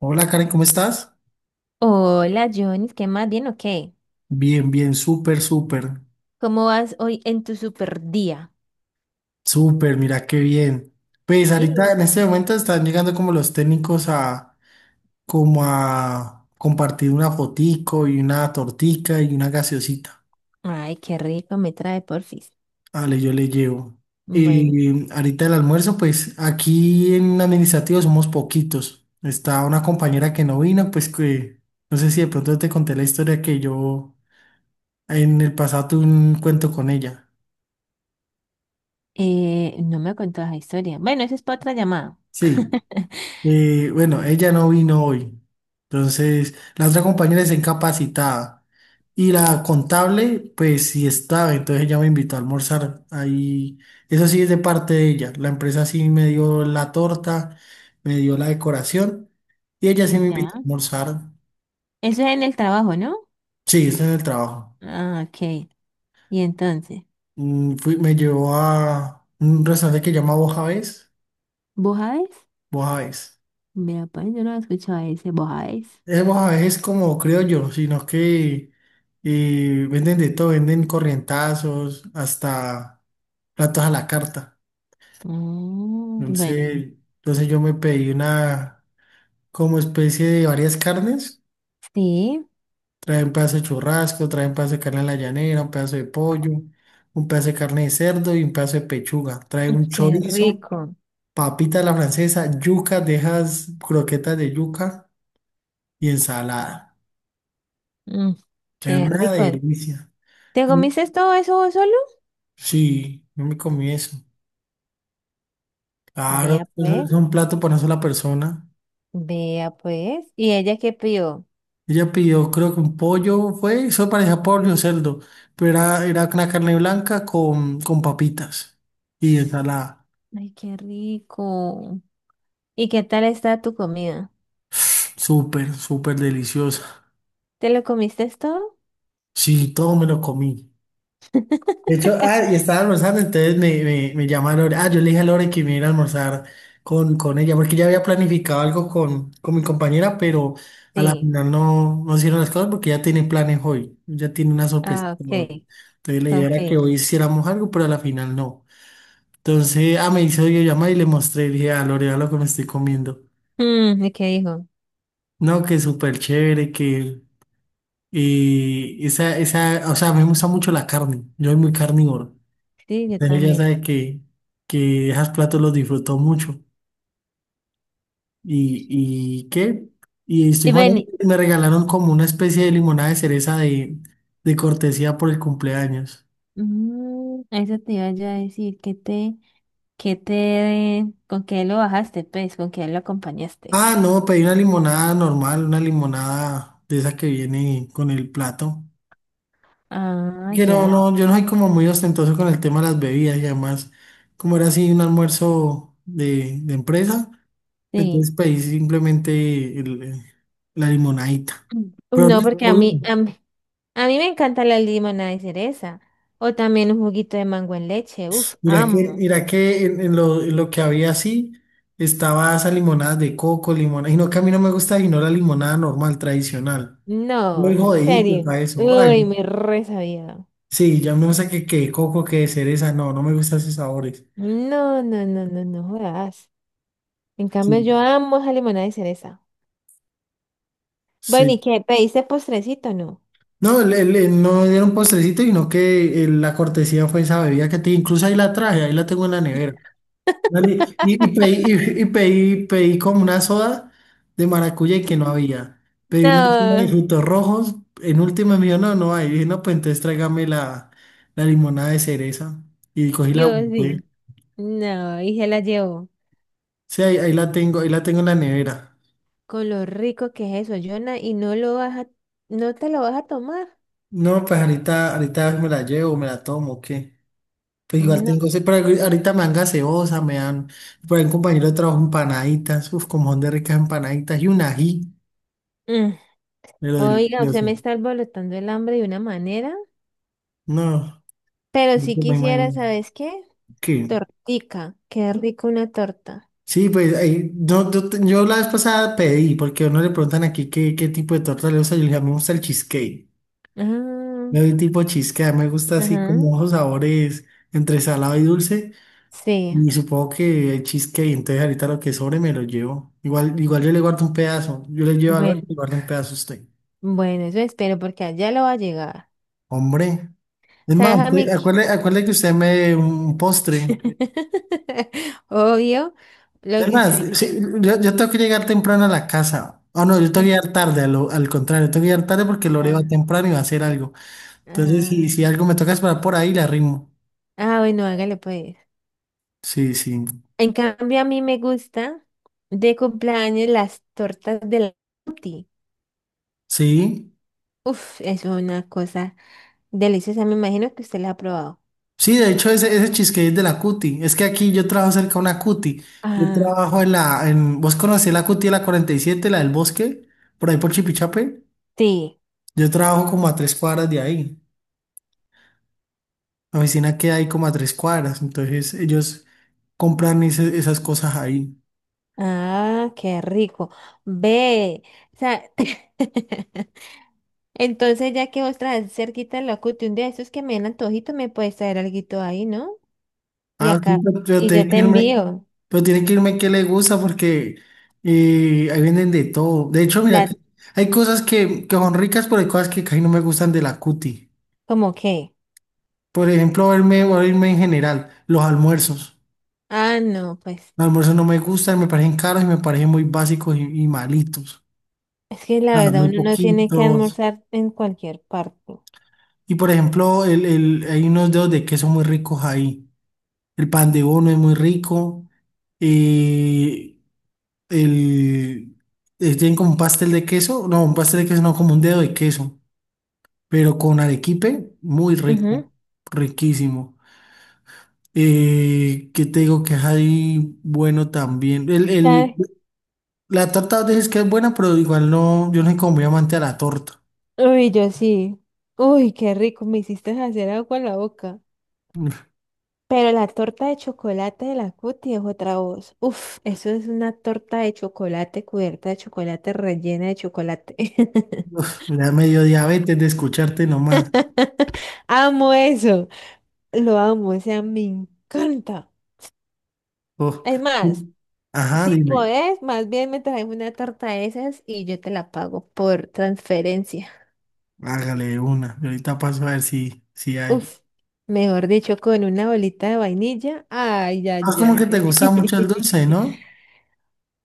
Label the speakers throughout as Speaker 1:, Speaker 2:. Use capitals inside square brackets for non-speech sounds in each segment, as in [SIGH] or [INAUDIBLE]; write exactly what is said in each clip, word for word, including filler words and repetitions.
Speaker 1: Hola Karen, ¿cómo estás?
Speaker 2: Hola, Jonis, ¿qué más? ¿Bien o qué?
Speaker 1: Bien, bien, súper, súper,
Speaker 2: ¿Cómo vas hoy en tu super día?
Speaker 1: súper, mira qué bien. Pues
Speaker 2: Sí,
Speaker 1: ahorita en
Speaker 2: eso.
Speaker 1: este momento están llegando como los técnicos a como a compartir una fotico y una tortica y una gaseosita.
Speaker 2: Ay, qué rico me trae Porfis.
Speaker 1: Vale, yo le llevo.
Speaker 2: Bueno,
Speaker 1: Y ahorita el almuerzo, pues aquí en administrativo somos poquitos. Está una compañera que no vino, pues que no sé si de pronto te conté la historia que yo en el pasado tuve un cuento con ella.
Speaker 2: eh, no me contó esa historia. Bueno, eso es para otra llamada.
Speaker 1: Sí.
Speaker 2: [LAUGHS]
Speaker 1: Eh, bueno, ella no vino hoy. Entonces, la otra compañera es incapacitada. Y la contable, pues sí estaba. Entonces ella me invitó a almorzar. Ahí, eso sí es de parte de ella. La empresa sí me dio la torta, me dio la decoración. Y ella sí me invitó a
Speaker 2: Ya.
Speaker 1: almorzar.
Speaker 2: Eso es en el trabajo, ¿no?
Speaker 1: Sí, está en el trabajo.
Speaker 2: Ah, ok. Y entonces,
Speaker 1: Mm, fui- me llevó a un restaurante que se llama Bojavés.
Speaker 2: ¿vos sabés?
Speaker 1: Bojavés.
Speaker 2: Mira, pues yo no he escuchado ese, ¿vos sabés?
Speaker 1: Vemos a veces como criollos, sino que eh, venden de todo, venden corrientazos, hasta platos a la carta.
Speaker 2: Mm, bueno, y-
Speaker 1: Entonces, entonces yo me pedí una como especie de varias carnes.
Speaker 2: sí.
Speaker 1: Traen pedazo de churrasco, traen pedazo de carne a la llanera, un pedazo de pollo, un pedazo de carne de cerdo y un pedazo de pechuga. Trae
Speaker 2: Mm,
Speaker 1: un
Speaker 2: qué
Speaker 1: chorizo,
Speaker 2: rico.
Speaker 1: papita a la francesa, yuca, dejas croquetas de yuca y ensalada.
Speaker 2: Mm,
Speaker 1: Es
Speaker 2: qué
Speaker 1: una
Speaker 2: rico.
Speaker 1: delicia.
Speaker 2: ¿Te comiste todo eso vos solo?
Speaker 1: Sí, yo me comí eso. Claro,
Speaker 2: Vea,
Speaker 1: eso
Speaker 2: pues.
Speaker 1: es un plato para una sola persona.
Speaker 2: Vea pues. ¿Y ella qué pidió?
Speaker 1: Ella pidió, creo que un pollo fue, eso parecía pollo o cerdo, pero era, era una carne blanca con, con papitas y ensalada.
Speaker 2: Ay, qué rico. ¿Y qué tal está tu comida?
Speaker 1: Súper, súper deliciosa.
Speaker 2: ¿Te lo comiste todo?
Speaker 1: Sí, todo me lo comí. De hecho, ah, y estaba almorzando, entonces me, me, me llama Lore. Ah, yo le dije a Lore que me iba a almorzar con, con ella, porque ya había planificado algo con, con mi compañera, pero a la
Speaker 2: Sí.
Speaker 1: final no, no hicieron las cosas porque ya tiene planes hoy, ya tiene una sorpresa
Speaker 2: Ah, ok,
Speaker 1: hoy. Entonces la idea era que
Speaker 2: ok.
Speaker 1: hoy hiciéramos algo, pero a la final no. Entonces, ah, me hizo llamar y le mostré, le dije, ah, Lore, vea lo que me estoy comiendo.
Speaker 2: Mm, ¿y qué dijo?
Speaker 1: No, que súper chévere, que eh, esa, esa, o sea, me gusta mucho la carne, yo soy muy carnívoro.
Speaker 2: Sí, yo
Speaker 1: Pero ella
Speaker 2: también.
Speaker 1: sabe que, que esos platos los disfrutó mucho. ¿Y, y qué? Y estoy
Speaker 2: Y
Speaker 1: mal,
Speaker 2: ven,
Speaker 1: me regalaron como una especie de limonada de cereza de, de cortesía por el cumpleaños.
Speaker 2: mm, eso te iba yo a decir, ¿qué te, qué te, con qué lo bajaste, pues, con qué lo acompañaste?
Speaker 1: Ah, no, pedí una limonada normal, una limonada de esa que viene con el plato.
Speaker 2: Ah,
Speaker 1: Que no,
Speaker 2: ya, ya,
Speaker 1: no, yo no soy como muy ostentoso con el tema de las bebidas y además, como era así un almuerzo de, de empresa,
Speaker 2: sí.
Speaker 1: entonces pedí simplemente el- la limonadita.
Speaker 2: [CLEARS THROAT] Mm,
Speaker 1: Pero no
Speaker 2: No, porque a
Speaker 1: estuvo
Speaker 2: mí, a
Speaker 1: bien.
Speaker 2: mí, a mí me encanta la limonada de cereza. O también un juguito de mango en leche. Uf,
Speaker 1: Mira que,
Speaker 2: amo.
Speaker 1: mira que en, en lo, en lo que había así, estaba esa limonada de coco, limonada, y no que a mí no me gusta, sino la limonada normal, tradicional.
Speaker 2: No,
Speaker 1: Muy
Speaker 2: en
Speaker 1: jodidito
Speaker 2: serio.
Speaker 1: para eso. Ay,
Speaker 2: Uy, me re sabía.
Speaker 1: sí, ya no sé qué, qué coco, qué cereza, no, no me gustan esos sabores.
Speaker 2: No, no, no, no, no jodas. En
Speaker 1: Sí,
Speaker 2: cambio, yo amo esa limonada de cereza. Bueno, ¿y
Speaker 1: sí.
Speaker 2: qué? ¿Pediste postrecito o no?
Speaker 1: No, le, le- no me dieron postrecito, sino que eh, la cortesía fue esa bebida que te, incluso ahí la traje, ahí la tengo en la nevera. Dale. Y, y pedí, y- y pedí- pedí como una soda de maracuyá y que no había. Pedí una soda de
Speaker 2: No,
Speaker 1: frutos rojos. En última me dijo, no, no hay. dije, no, pues entonces tráigame la, la limonada de cereza. Y cogí la
Speaker 2: yo sí.
Speaker 1: guardé.
Speaker 2: No, y se la llevo.
Speaker 1: Sí, ahí, ahí la tengo, ahí la tengo en la nevera.
Speaker 2: Con lo rico que es eso, Jonah, y no lo vas a, no te lo vas a tomar.
Speaker 1: No, pues ahorita, ahorita me la llevo, me la tomo, ¿qué? Pues igual
Speaker 2: No.
Speaker 1: tengo, sí, pero ahorita me dan gaseosa, me dan, por ahí un compañero de trabajo empanaditas, uf, como son de ricas empanaditas y un ají,
Speaker 2: Mm.
Speaker 1: pero
Speaker 2: Oiga, usted me
Speaker 1: delicioso.
Speaker 2: está alborotando el hambre de una manera.
Speaker 1: No,
Speaker 2: Pero si
Speaker 1: no me
Speaker 2: quisiera,
Speaker 1: imagino.
Speaker 2: ¿sabes qué?
Speaker 1: ¿Qué?
Speaker 2: Tortica. Qué rico una torta.
Speaker 1: Sí, pues ahí, yo, yo, te- yo la vez pasada pedí, porque a uno le preguntan aquí qué, qué tipo de torta le gusta, yo le dije, "A mí me gusta el cheesecake,
Speaker 2: Ah,
Speaker 1: me doy tipo cheesecake, me gusta así
Speaker 2: ajá.
Speaker 1: como los sabores entre salado y dulce,
Speaker 2: Sí.
Speaker 1: y supongo que el cheesecake, entonces ahorita lo que sobre me lo llevo, igual, igual yo le guardo un pedazo, yo le llevo a Lore
Speaker 2: Bueno,
Speaker 1: y le guardo un pedazo a usted,
Speaker 2: bueno, eso espero porque allá lo va a llegar.
Speaker 1: hombre, es más,
Speaker 2: ¿Sabes a
Speaker 1: usted-
Speaker 2: mí qué?
Speaker 1: acuérdate, acuérdate que usted me dé un postre,
Speaker 2: [LAUGHS] Obvio, lo
Speaker 1: Es
Speaker 2: que
Speaker 1: más,
Speaker 2: usted
Speaker 1: sí,
Speaker 2: quiere.
Speaker 1: yo, yo tengo que llegar temprano a la casa. o no, yo tengo que llegar tarde, a lo- al contrario, tengo que llegar tarde porque Lore va
Speaker 2: Ajá,
Speaker 1: temprano y va a hacer algo. Entonces, si,
Speaker 2: ajá.
Speaker 1: si algo me toca esperar por ahí, la rimo.
Speaker 2: Ah, bueno, hágale pues.
Speaker 1: Sí, sí.
Speaker 2: En cambio, a mí me gusta de cumpleaños las tortas de la Tutti.
Speaker 1: Sí.
Speaker 2: Uf, eso es una cosa deliciosa. Me imagino que usted la ha probado.
Speaker 1: Sí, de hecho, ese, ese cheesecake es de la Cuti. Es que aquí yo trabajo cerca de una Cuti. Yo
Speaker 2: Ah,
Speaker 1: trabajo en la. En, ¿vos conocés la Cuti de la cuarenta y siete, la del bosque? Por ahí por Chipichape.
Speaker 2: sí.
Speaker 1: Yo trabajo como a tres cuadras de ahí. La oficina queda ahí como a tres cuadras. Entonces, ellos compran ese- esas cosas ahí.
Speaker 2: Ah, qué rico. Ve. O sea, [LAUGHS] entonces ya que vos traes cerquita el locuto, un día de esos que me den antojito, me puedes traer alguito ahí, ¿no? Y
Speaker 1: Ah, sí,
Speaker 2: acá,
Speaker 1: pero, pero
Speaker 2: y yo
Speaker 1: tiene que
Speaker 2: te
Speaker 1: irme,
Speaker 2: envío.
Speaker 1: pero tiene que irme que le gusta porque eh, ahí venden de todo. De hecho, mira, que
Speaker 2: La,
Speaker 1: hay cosas que, que son ricas, pero hay cosas que casi no me gustan de la cuti.
Speaker 2: ¿cómo qué?
Speaker 1: Por ejemplo, verme, o irme en general, los almuerzos.
Speaker 2: Ah, no, pues,
Speaker 1: Los almuerzos no me gustan, me parecen caros y me parecen muy básicos y, y malitos.
Speaker 2: es que la
Speaker 1: Nada,
Speaker 2: verdad
Speaker 1: muy
Speaker 2: uno no tiene que
Speaker 1: poquitos.
Speaker 2: almorzar en cualquier parte.
Speaker 1: Y por ejemplo, el, el, hay unos dedos de queso muy ricos ahí. El pan de bono es muy rico. Eh, El, eh, Tienen como un pastel de queso, no, un pastel de queso, no, como un dedo de queso, pero con arequipe, muy rico,
Speaker 2: Ujú.
Speaker 1: riquísimo. Eh, ¿qué te digo que hay bueno también? El, el,
Speaker 2: Ay,
Speaker 1: la torta dices que es buena, pero igual no, yo no soy como muy amante a la torta.
Speaker 2: uy, yo sí. Uy, qué rico, me hiciste hacer agua en la boca.
Speaker 1: [LAUGHS] Uf,
Speaker 2: Pero la torta de chocolate de la Cuti es otra voz. Uf, eso es una torta de chocolate cubierta de chocolate rellena de chocolate.
Speaker 1: uf, me da medio diabetes de escucharte nomás.
Speaker 2: [LAUGHS] Amo eso. Lo amo, o sea, me encanta. Es
Speaker 1: Uf.
Speaker 2: más,
Speaker 1: Ajá,
Speaker 2: si
Speaker 1: dime,
Speaker 2: podés, más bien me traes una torta de esas y yo te la pago por transferencia.
Speaker 1: hágale de una. y ahorita paso a ver si, si hay.
Speaker 2: Uf, mejor dicho, con una bolita de vainilla. Ay,
Speaker 1: Ah, Es
Speaker 2: ay,
Speaker 1: como que te
Speaker 2: ay.
Speaker 1: gusta mucho el dulce,
Speaker 2: [LAUGHS]
Speaker 1: ¿no?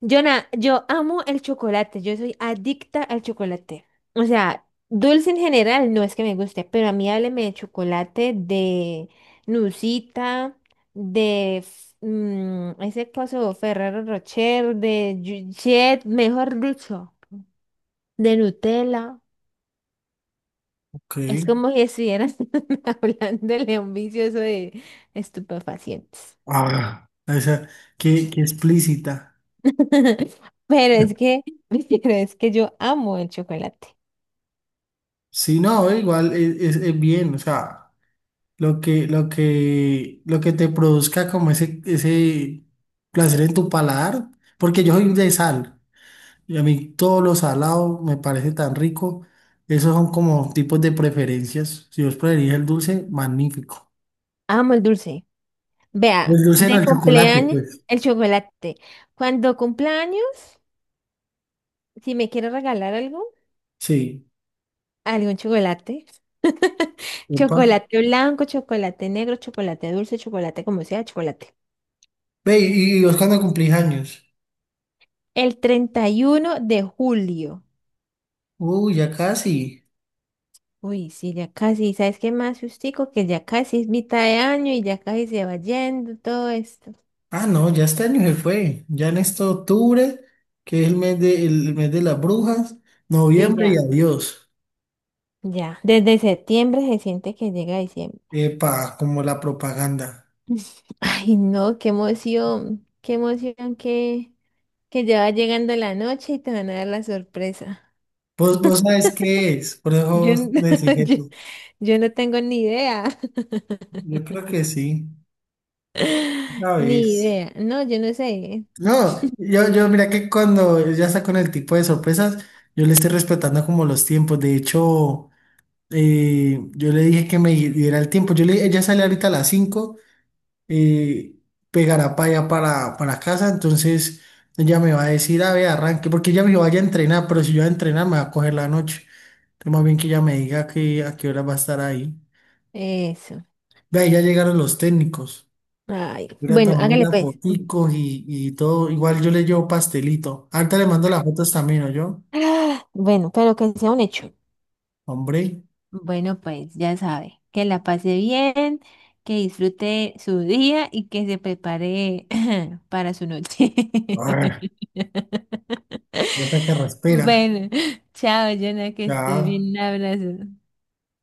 Speaker 2: Jonah, yo amo el chocolate, yo soy adicta al chocolate. O sea, dulce en general no es que me guste, pero a mí hábleme de chocolate, de Nusita, de f- mm, ese coso Ferrero Rocher, de Jet, mejor dicho, de Nutella.
Speaker 1: Ok.
Speaker 2: Es como si estuvieras [LAUGHS] hablándole a un vicioso de estupefacientes.
Speaker 1: Ah, esa, qué, qué explícita.
Speaker 2: [LAUGHS] Pero es que, [LAUGHS] pero es que yo amo el chocolate,
Speaker 1: Sí, no, igual es, es- es bien, o sea, lo que, lo que, lo que te produzca como ese, ese placer en tu paladar, porque yo soy de sal, y a mí todo lo salado me parece tan rico, esos son como tipos de preferencias. Si vos preferís el dulce, magnífico.
Speaker 2: amo el dulce. Vea,
Speaker 1: El dulce no,
Speaker 2: de
Speaker 1: el chocolate,
Speaker 2: cumpleaños,
Speaker 1: pues.
Speaker 2: el chocolate. Cuando cumpleaños, si me quiere regalar algo,
Speaker 1: Sí.
Speaker 2: algún chocolate.
Speaker 1: Epa.
Speaker 2: Chocolate blanco, chocolate negro, chocolate dulce, chocolate como sea, chocolate.
Speaker 1: Ve, y, y vos cuando cumplís años.
Speaker 2: El treinta y uno de julio.
Speaker 1: Uy, ya casi.
Speaker 2: Uy, sí, ya casi, ¿sabes qué más, justico? Que ya casi es mitad de año y ya casi se va yendo todo esto.
Speaker 1: Ah, no, ya este año se fue. Ya en este octubre, que es el mes de, el mes de las brujas,
Speaker 2: Y
Speaker 1: noviembre y
Speaker 2: ya,
Speaker 1: adiós.
Speaker 2: ya. Desde septiembre se siente que llega diciembre.
Speaker 1: Epa, como la propaganda.
Speaker 2: [LAUGHS] Ay, no, qué emoción, qué emoción qué que ya va llegando la noche y te van a dar la sorpresa.
Speaker 1: Vos, vos sabés qué es, por
Speaker 2: Yo,
Speaker 1: eso
Speaker 2: n-
Speaker 1: me decís
Speaker 2: [LAUGHS] yo,
Speaker 1: eso.
Speaker 2: yo no tengo ni idea.
Speaker 1: Yo creo que sí,
Speaker 2: [LAUGHS]
Speaker 1: una
Speaker 2: Ni
Speaker 1: vez.
Speaker 2: idea. No, yo no sé.
Speaker 1: No, yo, yo mira que cuando ya está con el tipo de sorpresas, yo le estoy respetando como los tiempos. De hecho, eh, yo le dije que me diera el tiempo. Yo le, ella sale ahorita a las cinco. eh, Pegará para allá, para, para casa, entonces ella me va a decir, a ver, arranque, porque ella me dijo, vaya a entrenar, pero si yo voy a entrenar me va a coger la noche. Entonces más bien que ella me diga que, a qué hora va a estar ahí.
Speaker 2: Eso.
Speaker 1: Ve, ahí ya llegaron los técnicos.
Speaker 2: Ay,
Speaker 1: Voy a
Speaker 2: bueno,
Speaker 1: tomarme
Speaker 2: hágale
Speaker 1: las
Speaker 2: pues.
Speaker 1: foticos y, y todo. Igual yo le llevo pastelito. Ahorita le mando las fotos también, ¿o yo?
Speaker 2: Ah, bueno, pero que sea un hecho.
Speaker 1: Hombre.
Speaker 2: Bueno, pues ya sabe. Que la pase bien, que disfrute su día y que se prepare [LAUGHS] [CLEARS THROAT] para su noche. [LAUGHS]
Speaker 1: Ah. Esa carraspera.
Speaker 2: Bueno, chao, Jonah, que estés
Speaker 1: Ya.
Speaker 2: bien. Un abrazo.